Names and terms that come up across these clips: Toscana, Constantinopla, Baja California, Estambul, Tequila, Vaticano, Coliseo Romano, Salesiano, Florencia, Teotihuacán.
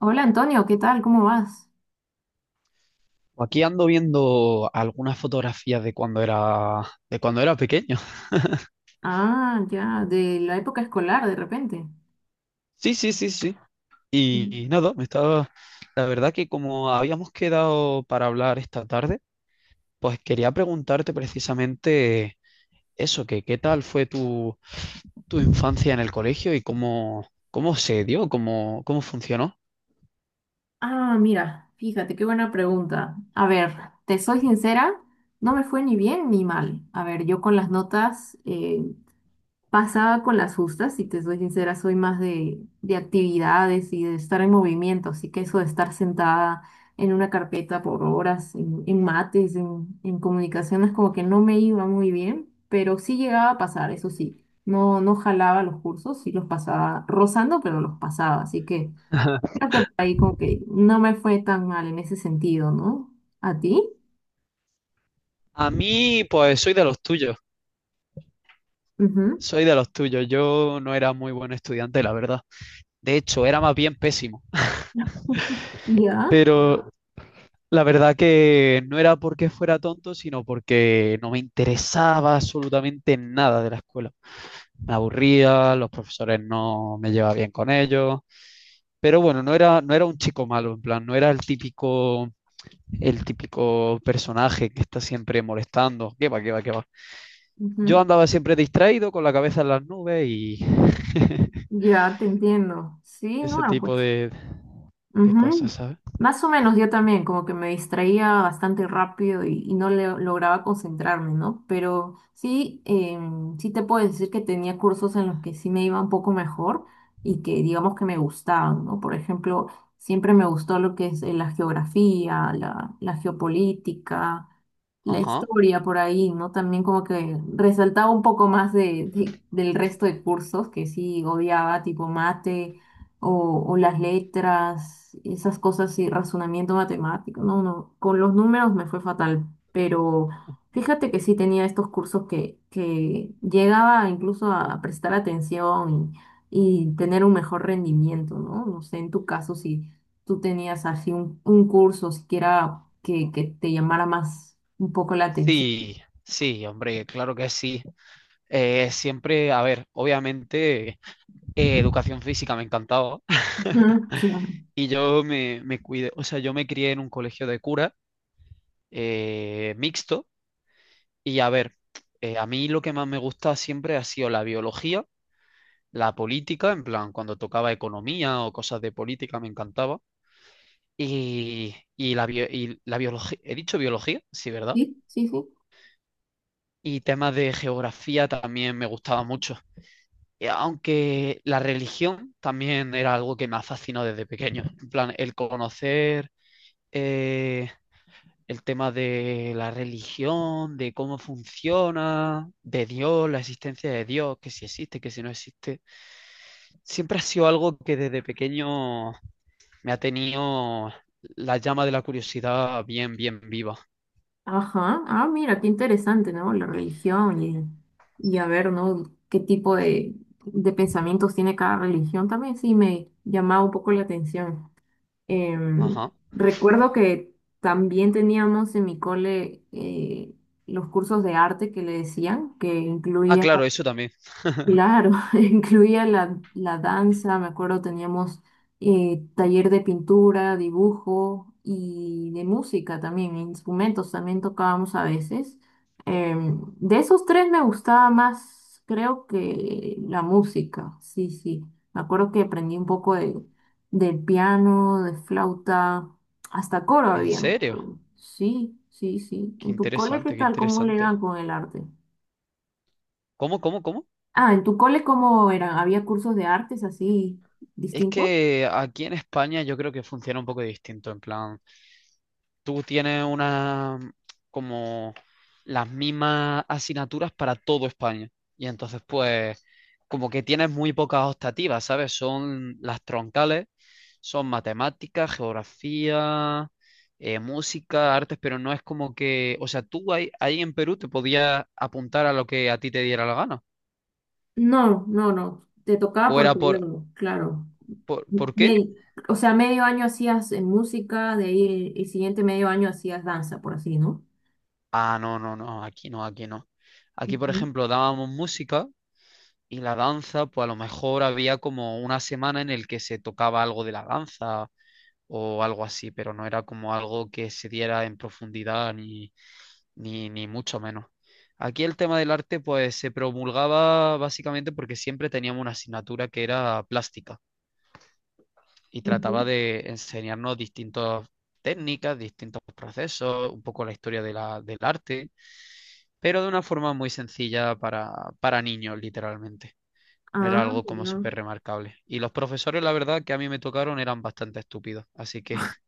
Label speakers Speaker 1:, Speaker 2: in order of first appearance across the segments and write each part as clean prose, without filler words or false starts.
Speaker 1: Hola Antonio, ¿qué tal? ¿Cómo vas?
Speaker 2: Pues aquí ando viendo algunas fotografías de cuando era pequeño.
Speaker 1: Ah, ya, de la época escolar de repente.
Speaker 2: Sí, sí, sí, sí. Y
Speaker 1: Mm.
Speaker 2: nada, me estaba. La verdad que como habíamos quedado para hablar esta tarde, pues quería preguntarte precisamente eso, que qué tal fue tu, tu infancia en el colegio y cómo, cómo se dio, cómo, cómo funcionó.
Speaker 1: Ah, mira, fíjate, qué buena pregunta. A ver, te soy sincera, no me fue ni bien ni mal. A ver, yo con las notas pasaba con las justas, si te soy sincera, soy más de actividades y de estar en movimiento, así que eso de estar sentada en una carpeta por horas, en mates, en comunicaciones, como que no me iba muy bien, pero sí llegaba a pasar, eso sí, no, no jalaba los cursos, sí los pasaba rozando, pero los pasaba, así que creo que ahí como que no me fue tan mal en ese sentido, ¿no? ¿A ti?
Speaker 2: A mí, pues soy de los tuyos,
Speaker 1: Ujú.
Speaker 2: Yo no era muy buen estudiante, la verdad. De hecho, era más bien pésimo.
Speaker 1: Ya,
Speaker 2: Pero la verdad que no era porque fuera tonto, sino porque no me interesaba absolutamente nada de la escuela. Me aburría, los profesores no me llevaba bien con ellos, pero bueno, no era un chico malo, en plan, no era el típico personaje que está siempre molestando. ¿Qué va, qué va, qué va? Yo
Speaker 1: ujú.
Speaker 2: andaba siempre distraído, con la cabeza en las nubes y
Speaker 1: Ya te entiendo. Sí, no,
Speaker 2: ese
Speaker 1: pues.
Speaker 2: tipo de cosas,
Speaker 1: Ujú.
Speaker 2: ¿sabes?
Speaker 1: Más o menos yo también, como que me distraía bastante rápido y no lograba concentrarme, ¿no? Pero sí, sí te puedo decir que tenía cursos en los que sí me iba un poco mejor y que digamos que me gustaban, ¿no? Por ejemplo, siempre me gustó lo que es la geografía, la geopolítica, la
Speaker 2: Ajá.
Speaker 1: historia por ahí, ¿no? También como que resaltaba un poco más del resto de cursos que sí odiaba, tipo mate o las letras, esas cosas y razonamiento matemático. No, no, con los números me fue fatal, pero fíjate que sí tenía estos cursos que llegaba incluso a prestar atención y tener un mejor rendimiento, ¿no? No sé, en tu caso, si tú tenías así un curso siquiera que te llamara más un poco la atención.
Speaker 2: Sí, sí, hombre, claro que sí. Siempre, a ver, obviamente educación física me encantaba.
Speaker 1: Ujú, sí.
Speaker 2: Y yo me cuidé, o sea, yo me crié en un colegio de cura, mixto. Y a ver, a mí lo que más me gusta siempre ha sido la biología, la política, en plan, cuando tocaba economía o cosas de política me encantaba. Y, y la, y la biología, he dicho biología, sí, ¿verdad?
Speaker 1: Sí, sí, sí.
Speaker 2: Y temas de geografía también me gustaba mucho. Y aunque la religión también era algo que me ha fascinado desde pequeño. En plan, el conocer eh, el tema de la religión, de cómo funciona, de Dios, la existencia de Dios, que si existe, que si no existe, siempre ha sido algo que desde pequeño me ha tenido la llama de la curiosidad bien, bien viva.
Speaker 1: Ajá, ah, mira, qué interesante, ¿no? La religión y a ver, ¿no? ¿Qué tipo de pensamientos tiene cada religión? También sí me llamaba un poco la atención. Em,
Speaker 2: Ajá.
Speaker 1: recuerdo que también teníamos en mi cole los cursos de arte que le decían, que
Speaker 2: Ah,
Speaker 1: incluían.
Speaker 2: claro, eso también.
Speaker 1: Claro, incluía la danza, me acuerdo teníamos taller de pintura, dibujo y de música también, instrumentos también tocábamos a veces. De esos tres me gustaba más, creo que la música, sí, sí. Me acuerdo que aprendí un poco del piano, de flauta, hasta coro
Speaker 2: ¿En
Speaker 1: había. Me
Speaker 2: serio?
Speaker 1: acuerdo. Sí, sí, sí.
Speaker 2: Qué
Speaker 1: ¿En tu cole qué
Speaker 2: interesante, qué
Speaker 1: tal? ¿Cómo le
Speaker 2: interesante.
Speaker 1: dan con el arte?
Speaker 2: ¿Cómo, cómo, cómo?
Speaker 1: Ah, ¿en tu cole cómo eran? ¿Había cursos de artes así
Speaker 2: Es
Speaker 1: distintos?
Speaker 2: que aquí en España yo creo que funciona un poco distinto, en plan, tú tienes una como las mismas asignaturas para todo España y entonces pues como que tienes muy pocas optativas, ¿sabes? Son las troncales, son matemáticas, geografía, música, artes, pero no es como que, o sea, tú ahí, ahí en Perú te podías apuntar a lo que a ti te diera la gana.
Speaker 1: No, no, no. Te
Speaker 2: ¿O
Speaker 1: tocaba por
Speaker 2: era
Speaker 1: periodo, claro.
Speaker 2: por qué?
Speaker 1: Me- o sea, medio año hacías música, de ahí el siguiente medio año hacías danza, por así, ¿no?
Speaker 2: Ah, no, no, no, aquí no, aquí no. Aquí, por
Speaker 1: Ujú,
Speaker 2: ejemplo, dábamos música y la danza, pues a lo mejor había como una semana en el que se tocaba algo de la danza o algo así, pero no era como algo que se diera en profundidad ni, ni, ni mucho menos. Aquí el tema del arte, pues se promulgaba básicamente porque siempre teníamos una asignatura que era plástica y
Speaker 1: ujú.
Speaker 2: trataba de enseñarnos distintas técnicas, distintos procesos, un poco la historia de del arte, pero de una forma muy sencilla para niños, literalmente. No era
Speaker 1: Ah,
Speaker 2: algo como
Speaker 1: ya.
Speaker 2: súper remarcable. Y los profesores, la verdad, que a mí me tocaron eran bastante estúpidos, así que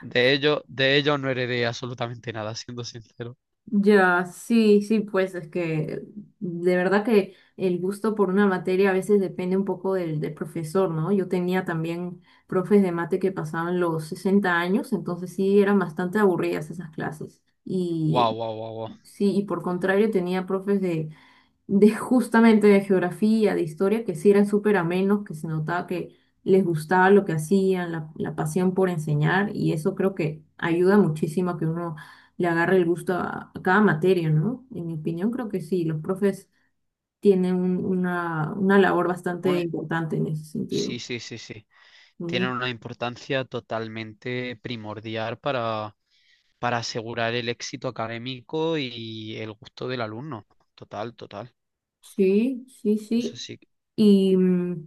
Speaker 2: de ellos no heredé absolutamente nada, siendo sincero.
Speaker 1: Ya, sí, sí, pues es que de verdad que el gusto por una materia a veces depende un poco del profesor, ¿no? Yo tenía también profes de mate que pasaban los 60 años, entonces sí eran bastante aburridas esas clases.
Speaker 2: Wow,
Speaker 1: Y
Speaker 2: wow, wow,
Speaker 1: sí, y por contrario tenía profes de justamente de geografía, de historia, que sí eran súper amenos, que se notaba que les gustaba lo que hacían, la pasión por enseñar, y eso creo que ayuda muchísimo a que uno le agarre el gusto a cada materia, ¿no? En mi opinión, creo que sí, los profes tienen una labor bastante
Speaker 2: wow.
Speaker 1: importante en ese sentido.
Speaker 2: Sí, sí, sí, sí. Tienen
Speaker 1: Mm,
Speaker 2: una importancia totalmente primordial para asegurar el éxito académico y el gusto del alumno. Total, total.
Speaker 1: sí, sí,
Speaker 2: Eso
Speaker 1: sí.
Speaker 2: sí.
Speaker 1: Y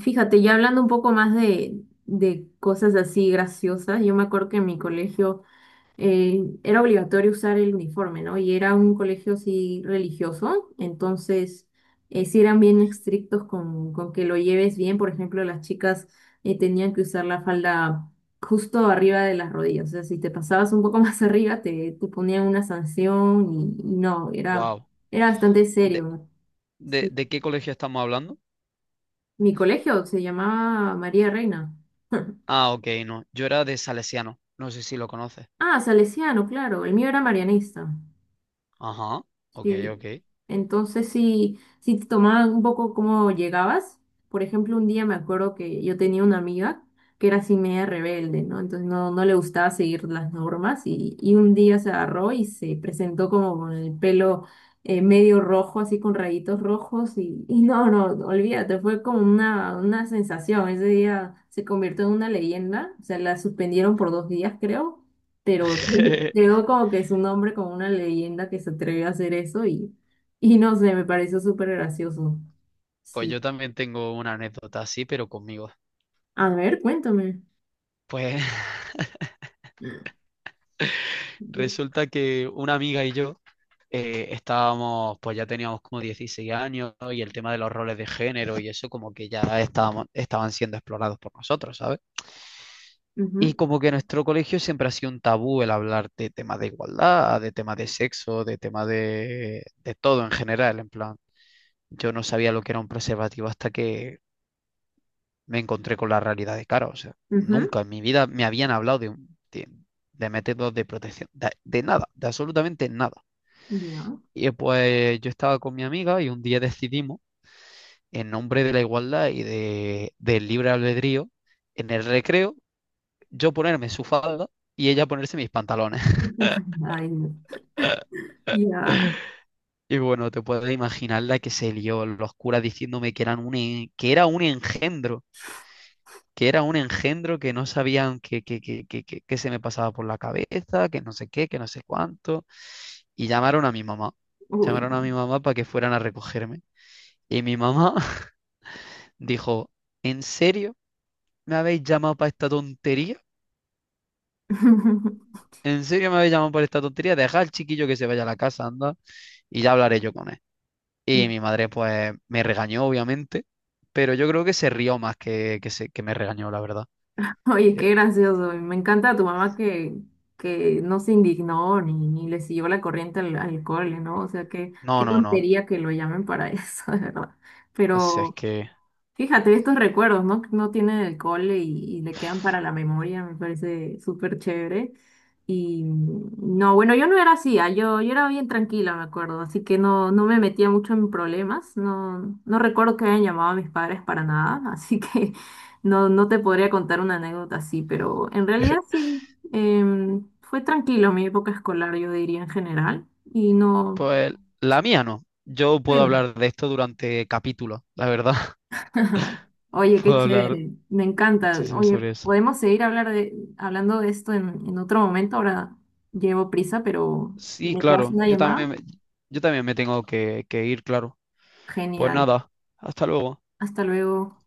Speaker 1: fíjate, ya hablando un poco más de cosas así graciosas, yo me acuerdo que en mi colegio era obligatorio usar el uniforme, ¿no? Y era un colegio sí religioso, entonces sí eran bien estrictos con que lo lleves bien. Por ejemplo, las chicas tenían que usar la falda justo arriba de las rodillas, o sea, si te pasabas un poco más arriba te ponían una sanción y no, era,
Speaker 2: Wow.
Speaker 1: era bastante
Speaker 2: ¿De,
Speaker 1: serio. Sí.
Speaker 2: de qué colegio estamos hablando?
Speaker 1: Mi colegio se llamaba María Reina.
Speaker 2: Ah, ok, no. Yo era de Salesiano. No sé si lo conoces.
Speaker 1: Ah, Salesiano, claro, el mío era marianista.
Speaker 2: Ajá. Ok, ok.
Speaker 1: Sí, entonces si te tomaban un poco cómo llegabas, por ejemplo, un día me acuerdo que yo tenía una amiga que era así media rebelde, ¿no? Entonces no, no le gustaba seguir las normas y un día se agarró y se presentó como con el pelo medio rojo, así con rayitos rojos y no, no, olvídate, fue como una sensación, ese día se convirtió en una leyenda, o sea, la suspendieron por 2 días, creo, pero creo como que es un hombre como una leyenda que se atreve a hacer eso y no sé, me pareció súper gracioso.
Speaker 2: Pues
Speaker 1: Sí.
Speaker 2: yo también tengo una anécdota así, pero conmigo.
Speaker 1: A ver, cuéntame.
Speaker 2: Pues resulta que una amiga y yo. Estábamos, pues ya teníamos como 16 años, ¿no? Y el tema de los roles de género y eso como que ya estaban siendo explorados por nosotros, ¿sabes?
Speaker 1: Ujú, ujú,
Speaker 2: Y como que en nuestro colegio siempre ha sido un tabú el hablar de temas de igualdad, de temas de sexo, de de todo en general, en plan, yo no sabía lo que era un preservativo hasta que me encontré con la realidad de cara, o sea,
Speaker 1: ujú.
Speaker 2: nunca en mi vida me habían hablado de métodos de protección, de nada, de absolutamente nada.
Speaker 1: Ya.
Speaker 2: Y pues yo estaba con mi amiga y un día decidimos, en nombre de la igualdad y de, del libre albedrío, en el recreo, yo ponerme su falda y ella ponerse mis pantalones.
Speaker 1: Ay, no. Ya.
Speaker 2: Y bueno, te puedes imaginar la que se lió, los curas diciéndome que, que era un engendro, que era un engendro, que no sabían que se me pasaba por la cabeza, que no sé qué, que no sé cuánto. Y llamaron a mi mamá,
Speaker 1: Uy.
Speaker 2: llamaron a mi mamá para que fueran a recogerme. Y mi mamá dijo, ¿en serio me habéis llamado para esta tontería? ¿En serio me habéis llamado por esta tontería? Deja al chiquillo que se vaya a la casa, anda, y ya hablaré yo con él. Y mi madre, pues, me regañó, obviamente, pero yo creo que se rió más que me regañó, la verdad.
Speaker 1: Oye,
Speaker 2: Yo,
Speaker 1: qué gracioso. Y me encanta tu mamá que no se indignó ni le siguió la corriente al cole, ¿no? O sea, qué,
Speaker 2: no,
Speaker 1: qué
Speaker 2: no, no.
Speaker 1: tontería que lo llamen para eso, de verdad.
Speaker 2: O sea, es
Speaker 1: Pero.
Speaker 2: que,
Speaker 1: Fíjate, estos recuerdos, ¿no? Que no tienen el cole y le quedan para la memoria, me parece súper chévere. Y no, bueno, yo no era así, ah, yo era bien tranquila, me acuerdo, así que no, no me metía mucho en problemas, no, no recuerdo que hayan llamado a mis padres para nada, así que no, no te podría contar una anécdota así, pero en realidad sí, fue tranquilo mi época escolar, yo diría en general, y no...
Speaker 2: pues, la mía no. Yo
Speaker 1: Sí.
Speaker 2: puedo hablar de esto durante capítulos, la verdad.
Speaker 1: Oye, qué
Speaker 2: Puedo hablar
Speaker 1: chévere, me encanta.
Speaker 2: muchísimo
Speaker 1: Oye,
Speaker 2: sobre eso.
Speaker 1: podemos seguir hablando de esto en otro momento. Ahora llevo prisa, pero
Speaker 2: Sí,
Speaker 1: me pegas
Speaker 2: claro,
Speaker 1: una
Speaker 2: yo también,
Speaker 1: llamada.
Speaker 2: yo también me tengo que ir, claro. Pues
Speaker 1: Genial.
Speaker 2: nada, hasta luego.
Speaker 1: Hasta luego.